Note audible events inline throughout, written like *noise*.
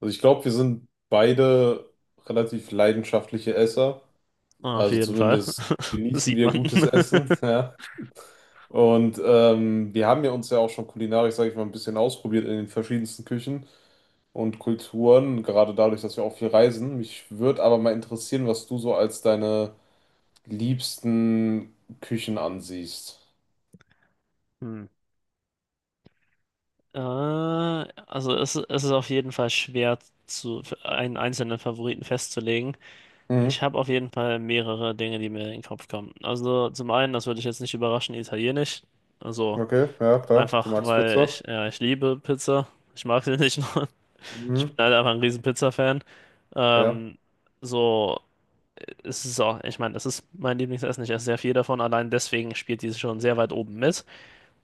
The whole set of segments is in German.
Also ich glaube, wir sind beide relativ leidenschaftliche Esser. Auf Also jeden Fall. zumindest *laughs* genießen Sieht wir man. gutes Essen, *laughs* *laughs* ja. Und wir haben ja uns ja auch schon kulinarisch, sage ich mal, ein bisschen ausprobiert in den verschiedensten Küchen und Kulturen, gerade dadurch, dass wir auch viel reisen. Mich würde aber mal interessieren, was du so als deine liebsten Küchen ansiehst. Hm. Also es ist auf jeden Fall schwer zu für einen einzelnen Favoriten festzulegen. Ich Mhm. habe auf jeden Fall mehrere Dinge, die mir in den Kopf kommen. Also zum einen, das würde ich jetzt nicht überraschen, Italienisch. Also Okay, ja, klar. Du einfach, magst weil Pizza. Ich liebe Pizza. Ich mag sie *laughs* nicht nur. Ich bin Mhm. halt einfach ein riesen Pizza-Fan. Ja, Ähm, so, Es ist auch, ich meine, das ist mein Lieblingsessen. Ich esse sehr viel davon. Allein deswegen spielt diese schon sehr weit oben mit.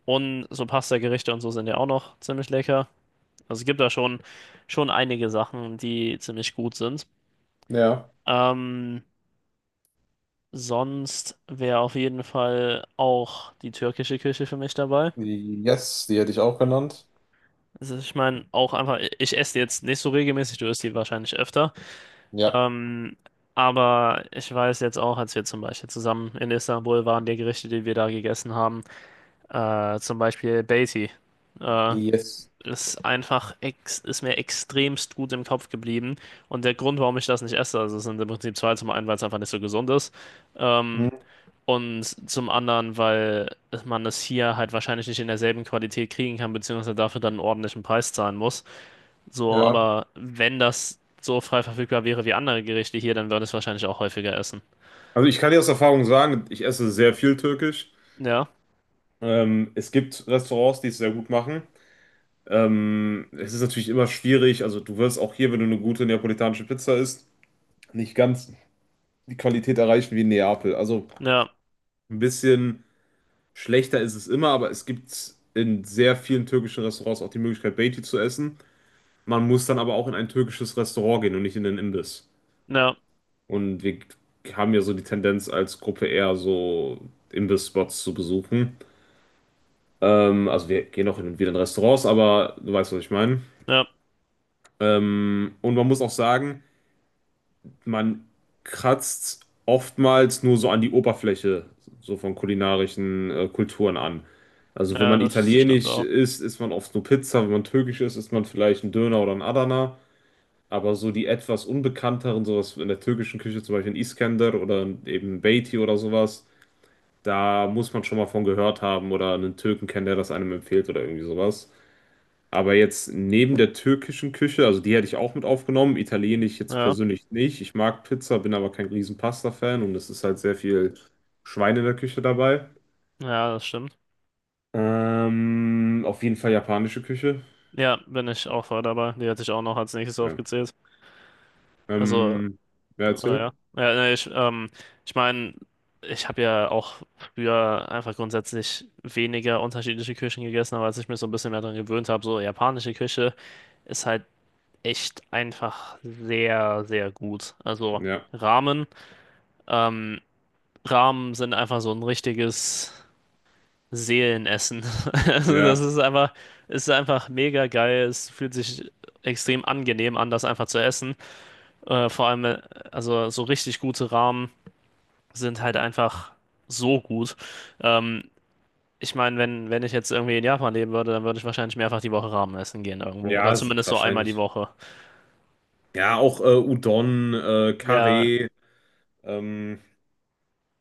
Und so Pasta-Gerichte und so sind ja auch noch ziemlich lecker. Also es gibt da schon einige Sachen, die ziemlich gut sind. ja. Ähm, Sonst wäre auf jeden Fall auch die türkische Küche für mich dabei. Yes, die hätte ich auch genannt. Also ich meine, auch einfach, ich esse jetzt nicht so regelmäßig, du isst die wahrscheinlich öfter. Ja. Ähm, aber ich weiß jetzt auch, als wir zum Beispiel zusammen in Istanbul waren, die Gerichte, die wir da gegessen haben, zum Beispiel Beiti. Äh, Yes. ist einfach ex Ist mir extremst gut im Kopf geblieben. Und der Grund, warum ich das nicht esse, also es sind im Prinzip zwei. Zum einen, weil es einfach nicht so gesund ist. Mhm. Ähm, und zum anderen, weil man es hier halt wahrscheinlich nicht in derselben Qualität kriegen kann, beziehungsweise dafür dann einen ordentlichen Preis zahlen muss. So, Ja, aber wenn das so frei verfügbar wäre wie andere Gerichte hier, dann würde ich es wahrscheinlich auch häufiger essen. also ich kann dir aus Erfahrung sagen, ich esse sehr viel Türkisch. Ja, Es gibt Restaurants, die es sehr gut machen. Es ist natürlich immer schwierig, also du wirst auch hier, wenn du eine gute neapolitanische Pizza isst, nicht ganz die Qualität erreichen wie in Neapel. Also ja, ein bisschen schlechter ist es immer, aber es gibt in sehr vielen türkischen Restaurants auch die Möglichkeit, Beiti zu essen. Man muss dann aber auch in ein türkisches Restaurant gehen und nicht in den Imbiss. ja, Und wir haben ja so die Tendenz als Gruppe eher so Imbiss-Spots zu besuchen. Also wir gehen auch hin und wieder in Restaurants, aber du weißt, was ich meine. ja, Und man muss auch sagen, man kratzt oftmals nur so an die Oberfläche so von kulinarischen Kulturen an. Also wenn ja, man das stimmt italienisch auch. isst, isst man oft nur Pizza, wenn man türkisch isst, isst man vielleicht einen Döner oder einen Adana. Aber so die etwas unbekannteren, sowas in der türkischen Küche, zum Beispiel ein Iskender oder eben Beiti oder sowas, da muss man schon mal von gehört haben oder einen Türken kennen, der das einem empfiehlt oder irgendwie sowas. Aber jetzt neben der türkischen Küche, also die hätte ich auch mit aufgenommen, italienisch jetzt Ja, persönlich nicht. Ich mag Pizza, bin aber kein riesen Pasta-Fan und es ist halt sehr viel Schwein in der Küche dabei. ja, das stimmt. Auf jeden Fall japanische Küche. Ja, bin ich auch voll dabei. Die hätte ich auch noch als nächstes Ja. aufgezählt. Also, Ähm, wer oder erzählt? ja. Ja, nee, ich meine, ich habe ja auch früher einfach grundsätzlich weniger unterschiedliche Küchen gegessen, aber als ich mich so ein bisschen mehr daran gewöhnt habe, so japanische Küche ist halt echt einfach sehr, sehr gut. Also Ja, Ramen, ähm, Ramen sind einfach so ein richtiges. Seelen essen. *laughs* Also das ja, ist einfach mega geil. Es fühlt sich extrem angenehm an, das einfach zu essen. Äh, vor allem, äh, also so richtig gute Ramen sind halt einfach so gut. Ähm, Ich meine, wenn ich jetzt irgendwie in Japan leben würde, dann würde ich wahrscheinlich mehrfach die Woche Ramen essen gehen irgendwo. Oder zumindest so einmal die wahrscheinlich. Woche. Ja, auch Udon, Ja, Carré, ähm,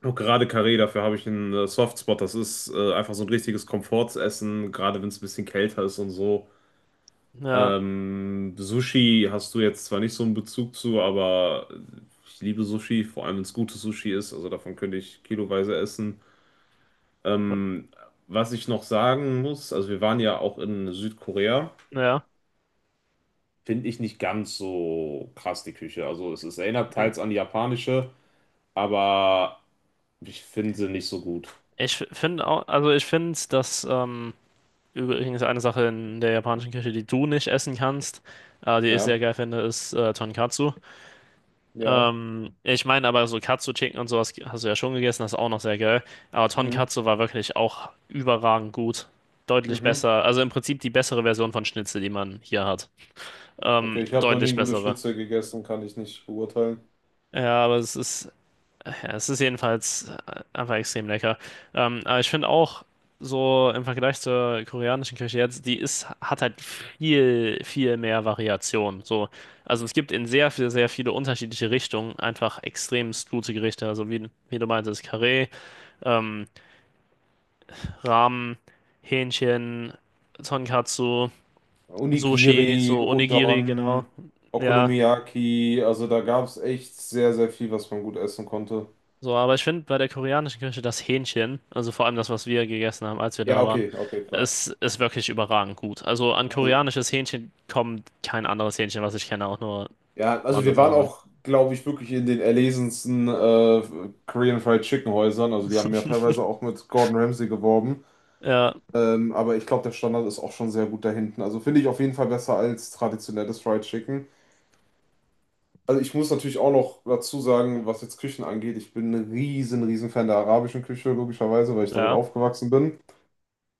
auch gerade Carré, dafür habe ich einen Softspot. Das ist einfach so ein richtiges Komfortsessen, gerade wenn es ein bisschen kälter ist und so. ja, Sushi hast du jetzt zwar nicht so einen Bezug zu, aber ich liebe Sushi, vor allem wenn es gutes Sushi ist. Also davon könnte ich kiloweise essen. Ähm, was ich noch sagen muss, also wir waren ja auch in Südkorea, ja. finde ich nicht ganz so krass die Küche. Also es erinnert teils an die japanische, aber ich finde sie nicht so gut. Ich finde auch, also ich finde. Dass Übrigens eine Sache in der japanischen Küche, die du nicht essen kannst, die ich Ja, sehr geil finde, ist Tonkatsu. ja. Ich meine aber so Katsu-Chicken und sowas hast du ja schon gegessen, das ist auch noch sehr geil. Aber Mhm. Tonkatsu war wirklich auch überragend gut. Deutlich Mhm. besser, also im Prinzip die bessere Version von Schnitzel, die man hier hat. Okay, ich habe noch nie Deutlich ein gutes bessere. Schnitzel gegessen, kann ich nicht beurteilen. Ja, aber es ist, ja, es ist jedenfalls einfach extrem lecker. Aber ich finde auch, so im Vergleich zur koreanischen Küche jetzt, die hat halt viel, viel mehr Variation. So, also es gibt in sehr, sehr, sehr viele unterschiedliche Richtungen einfach extremst gute Gerichte. Also wie du meintest, Karee, ähm, Ramen, Hähnchen, Tonkatsu, Sushi, Onigiri, so Onigiri, genau. Udon, Ja. Okonomiyaki, also da gab es echt sehr, sehr viel, was man gut essen konnte. So, aber ich finde bei der koreanischen Küche das Hähnchen, also vor allem das, was wir gegessen haben, als wir Ja, da waren, okay, okay, klar. ist wirklich überragend gut. Also an Also, koreanisches Hähnchen kommt kein anderes Hähnchen, was ich kenne, auch nur ja, also wir waren ansatzweise ran. auch, glaube ich, wirklich in den erlesensten Korean Fried Chicken Häusern. Also die haben ja teilweise auch mit Gordon Ramsay geworben. Ja, Aber ich glaube, der Standard ist auch schon sehr gut da hinten. Also finde ich auf jeden Fall besser als traditionelles Fried Chicken. Also ich muss natürlich auch noch dazu sagen, was jetzt Küchen angeht, ich bin ein riesen, riesen Fan der arabischen Küche, logischerweise, weil ich damit ja, aufgewachsen bin.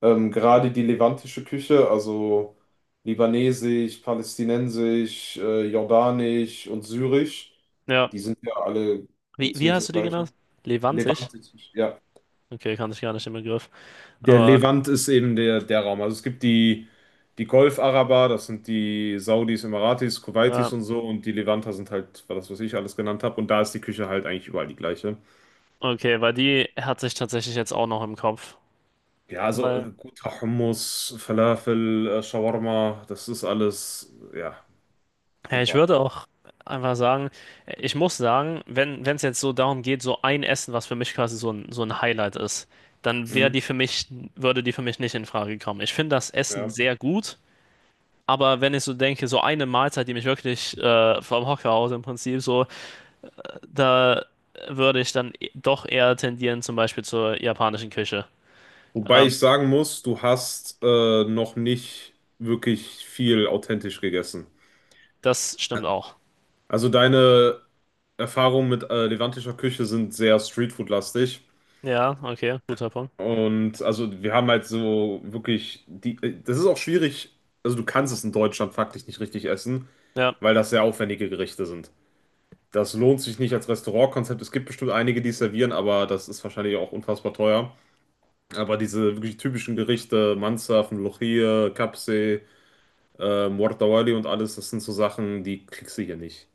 Gerade die levantische Küche, also libanesisch, palästinensisch, jordanisch und syrisch, ja. die sind ja alle so Wie ziemlich das hast du die genannt? Gleiche. Levantisch? Levantisch, ja. Okay, kannte ich gar nicht den Begriff. Der Aber, Levant ist eben der Raum. Also es gibt die, die Golf-Araber, das sind die Saudis, Emiratis, Kuwaitis ja, und so. Und die Levanter sind halt war das, was ich alles genannt habe. Und da ist die Küche halt eigentlich überall die gleiche. okay, weil die hat sich tatsächlich jetzt auch noch im Kopf. Ja, also Weil, äh, guter Hummus, Falafel, Shawarma, das ist alles, ja, Ja, ich super. würde auch einfach sagen, ich muss sagen, wenn es jetzt so darum geht, so ein Essen, was für mich quasi so ein Highlight ist, dann wäre die Mhm, für mich, würde die für mich nicht in Frage kommen. Ich finde das Essen ja. sehr gut, aber wenn ich so denke, so eine Mahlzeit, die mich wirklich vom Hocker haut im Prinzip so, da würde ich dann doch eher tendieren, zum Beispiel zur japanischen Küche. Wobei Ähm, ich sagen muss, du hast noch nicht wirklich viel authentisch gegessen. Das stimmt auch. Also deine Erfahrungen mit levantischer Küche sind sehr Streetfood-lastig. Ja, okay, guter Punkt. Und also wir haben halt so wirklich das ist auch schwierig, also du kannst es in Deutschland faktisch nicht richtig essen, Ja. weil das sehr aufwendige Gerichte sind. Das lohnt sich nicht als Restaurantkonzept. Es gibt bestimmt einige, die es servieren, aber das ist wahrscheinlich auch unfassbar teuer. Aber diese wirklich typischen Gerichte, Mansaf, Mlochie, Kapsee, Mortawali und alles, das sind so Sachen, die kriegst du hier nicht.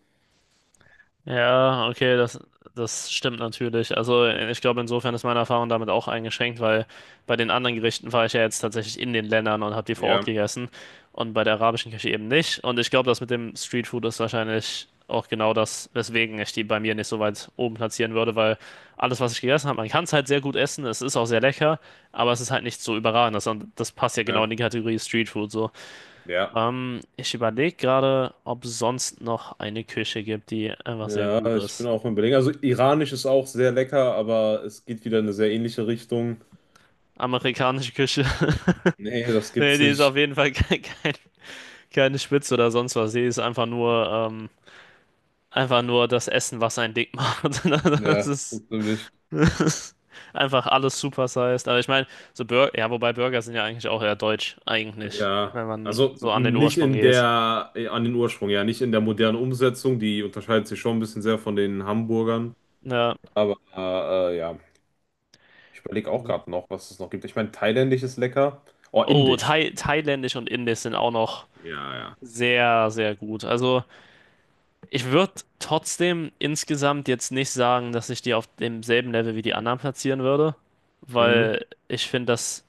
Ja, okay, das stimmt natürlich. Also ich glaube, insofern ist meine Erfahrung damit auch eingeschränkt, weil bei den anderen Gerichten war ich ja jetzt tatsächlich in den Ländern und habe die vor Ort Ja, gegessen und bei der arabischen Küche eben nicht. Und ich glaube, das mit dem Streetfood ist wahrscheinlich auch genau das, weswegen ich die bei mir nicht so weit oben platzieren würde, weil alles, was ich gegessen habe, man kann es halt sehr gut essen, es ist auch sehr lecker, aber es ist halt nicht so überragend. Das, und das passt ja genau in ja, die Kategorie Streetfood so. ja. Ich überlege gerade, ob es sonst noch eine Küche gibt, die einfach sehr Ja, gut ich bin ist. auch im Überlegen. Also iranisch ist auch sehr lecker, aber es geht wieder in eine sehr ähnliche Richtung. Amerikanische Küche. *laughs* Nee, das Nee, gibt's die ist auf nicht. jeden Fall *laughs* keine Spitze oder sonst was. Die ist einfach nur das Essen, was einen dick macht. *laughs* Das Ja, ist, natürlich. das ist einfach alles supersized. Aber ich meine, so Burger, ja, wobei Burger sind ja eigentlich auch eher deutsch, eigentlich, Ja, wenn man also so an den nicht Ursprung in geht. der, äh, an den Ursprung, ja, nicht in der modernen Umsetzung. Die unterscheidet sich schon ein bisschen sehr von den Hamburgern. Ja. Aber ja, ich überlege auch gerade noch, was es noch gibt. Ich meine, thailändisch ist lecker. Oh, Oh, indisch. Thai, thailändisch und indisch sind auch noch Ja, ja. sehr, sehr gut. Also. Ich würde trotzdem insgesamt jetzt nicht sagen, dass ich die auf demselben Level wie die anderen platzieren würde, Mhm. weil ich finde, dass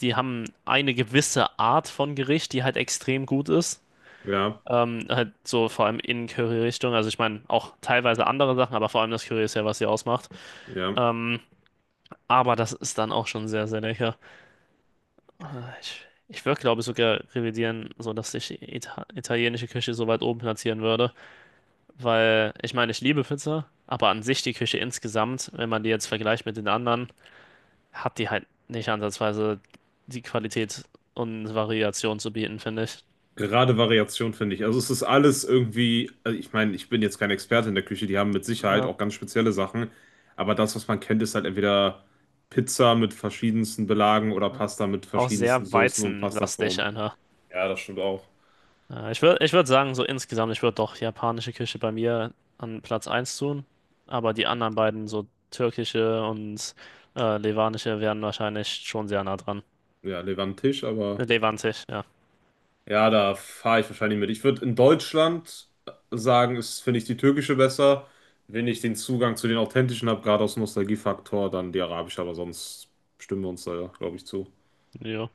die haben eine gewisse Art von Gericht, die halt extrem gut ist. Ja, Halt so vor allem in Curry-Richtung. Also ich meine auch teilweise andere Sachen, aber vor allem das Curry ist ja, was sie ausmacht. ja. Ähm, aber das ist dann auch schon sehr, sehr lecker. Ich würde, glaube ich, sogar revidieren, so dass ich italienische Küche so weit oben platzieren würde. Weil, ich meine, ich liebe Pizza, aber an sich die Küche insgesamt, wenn man die jetzt vergleicht mit den anderen, hat die halt nicht ansatzweise die Qualität und Variation zu bieten, finde ich. Gerade Variation finde ich. Also es ist alles irgendwie, also ich meine, ich bin jetzt kein Experte in der Küche, die haben mit Sicherheit Ja. auch ganz spezielle Sachen, aber das, was man kennt, ist halt entweder Pizza mit verschiedensten Belagen oder Pasta mit Auch verschiedensten sehr Soßen und weizenlastig Pastaformen. einfach. Ja, das stimmt auch. Ja, ich würd sagen, so insgesamt, ich würde doch japanische Küche bei mir an Platz eins tun, aber die anderen beiden, so türkische und levanische, wären wahrscheinlich schon sehr nah dran. Ja, Levantisch, aber Levantisch, ja. ja, da fahre ich wahrscheinlich mit. Ich würde in Deutschland sagen, ist, finde ich die türkische besser, wenn ich den Zugang zu den authentischen habe, gerade aus Nostalgiefaktor, dann die arabische, aber sonst stimmen wir uns da, glaube ich, zu. Jo.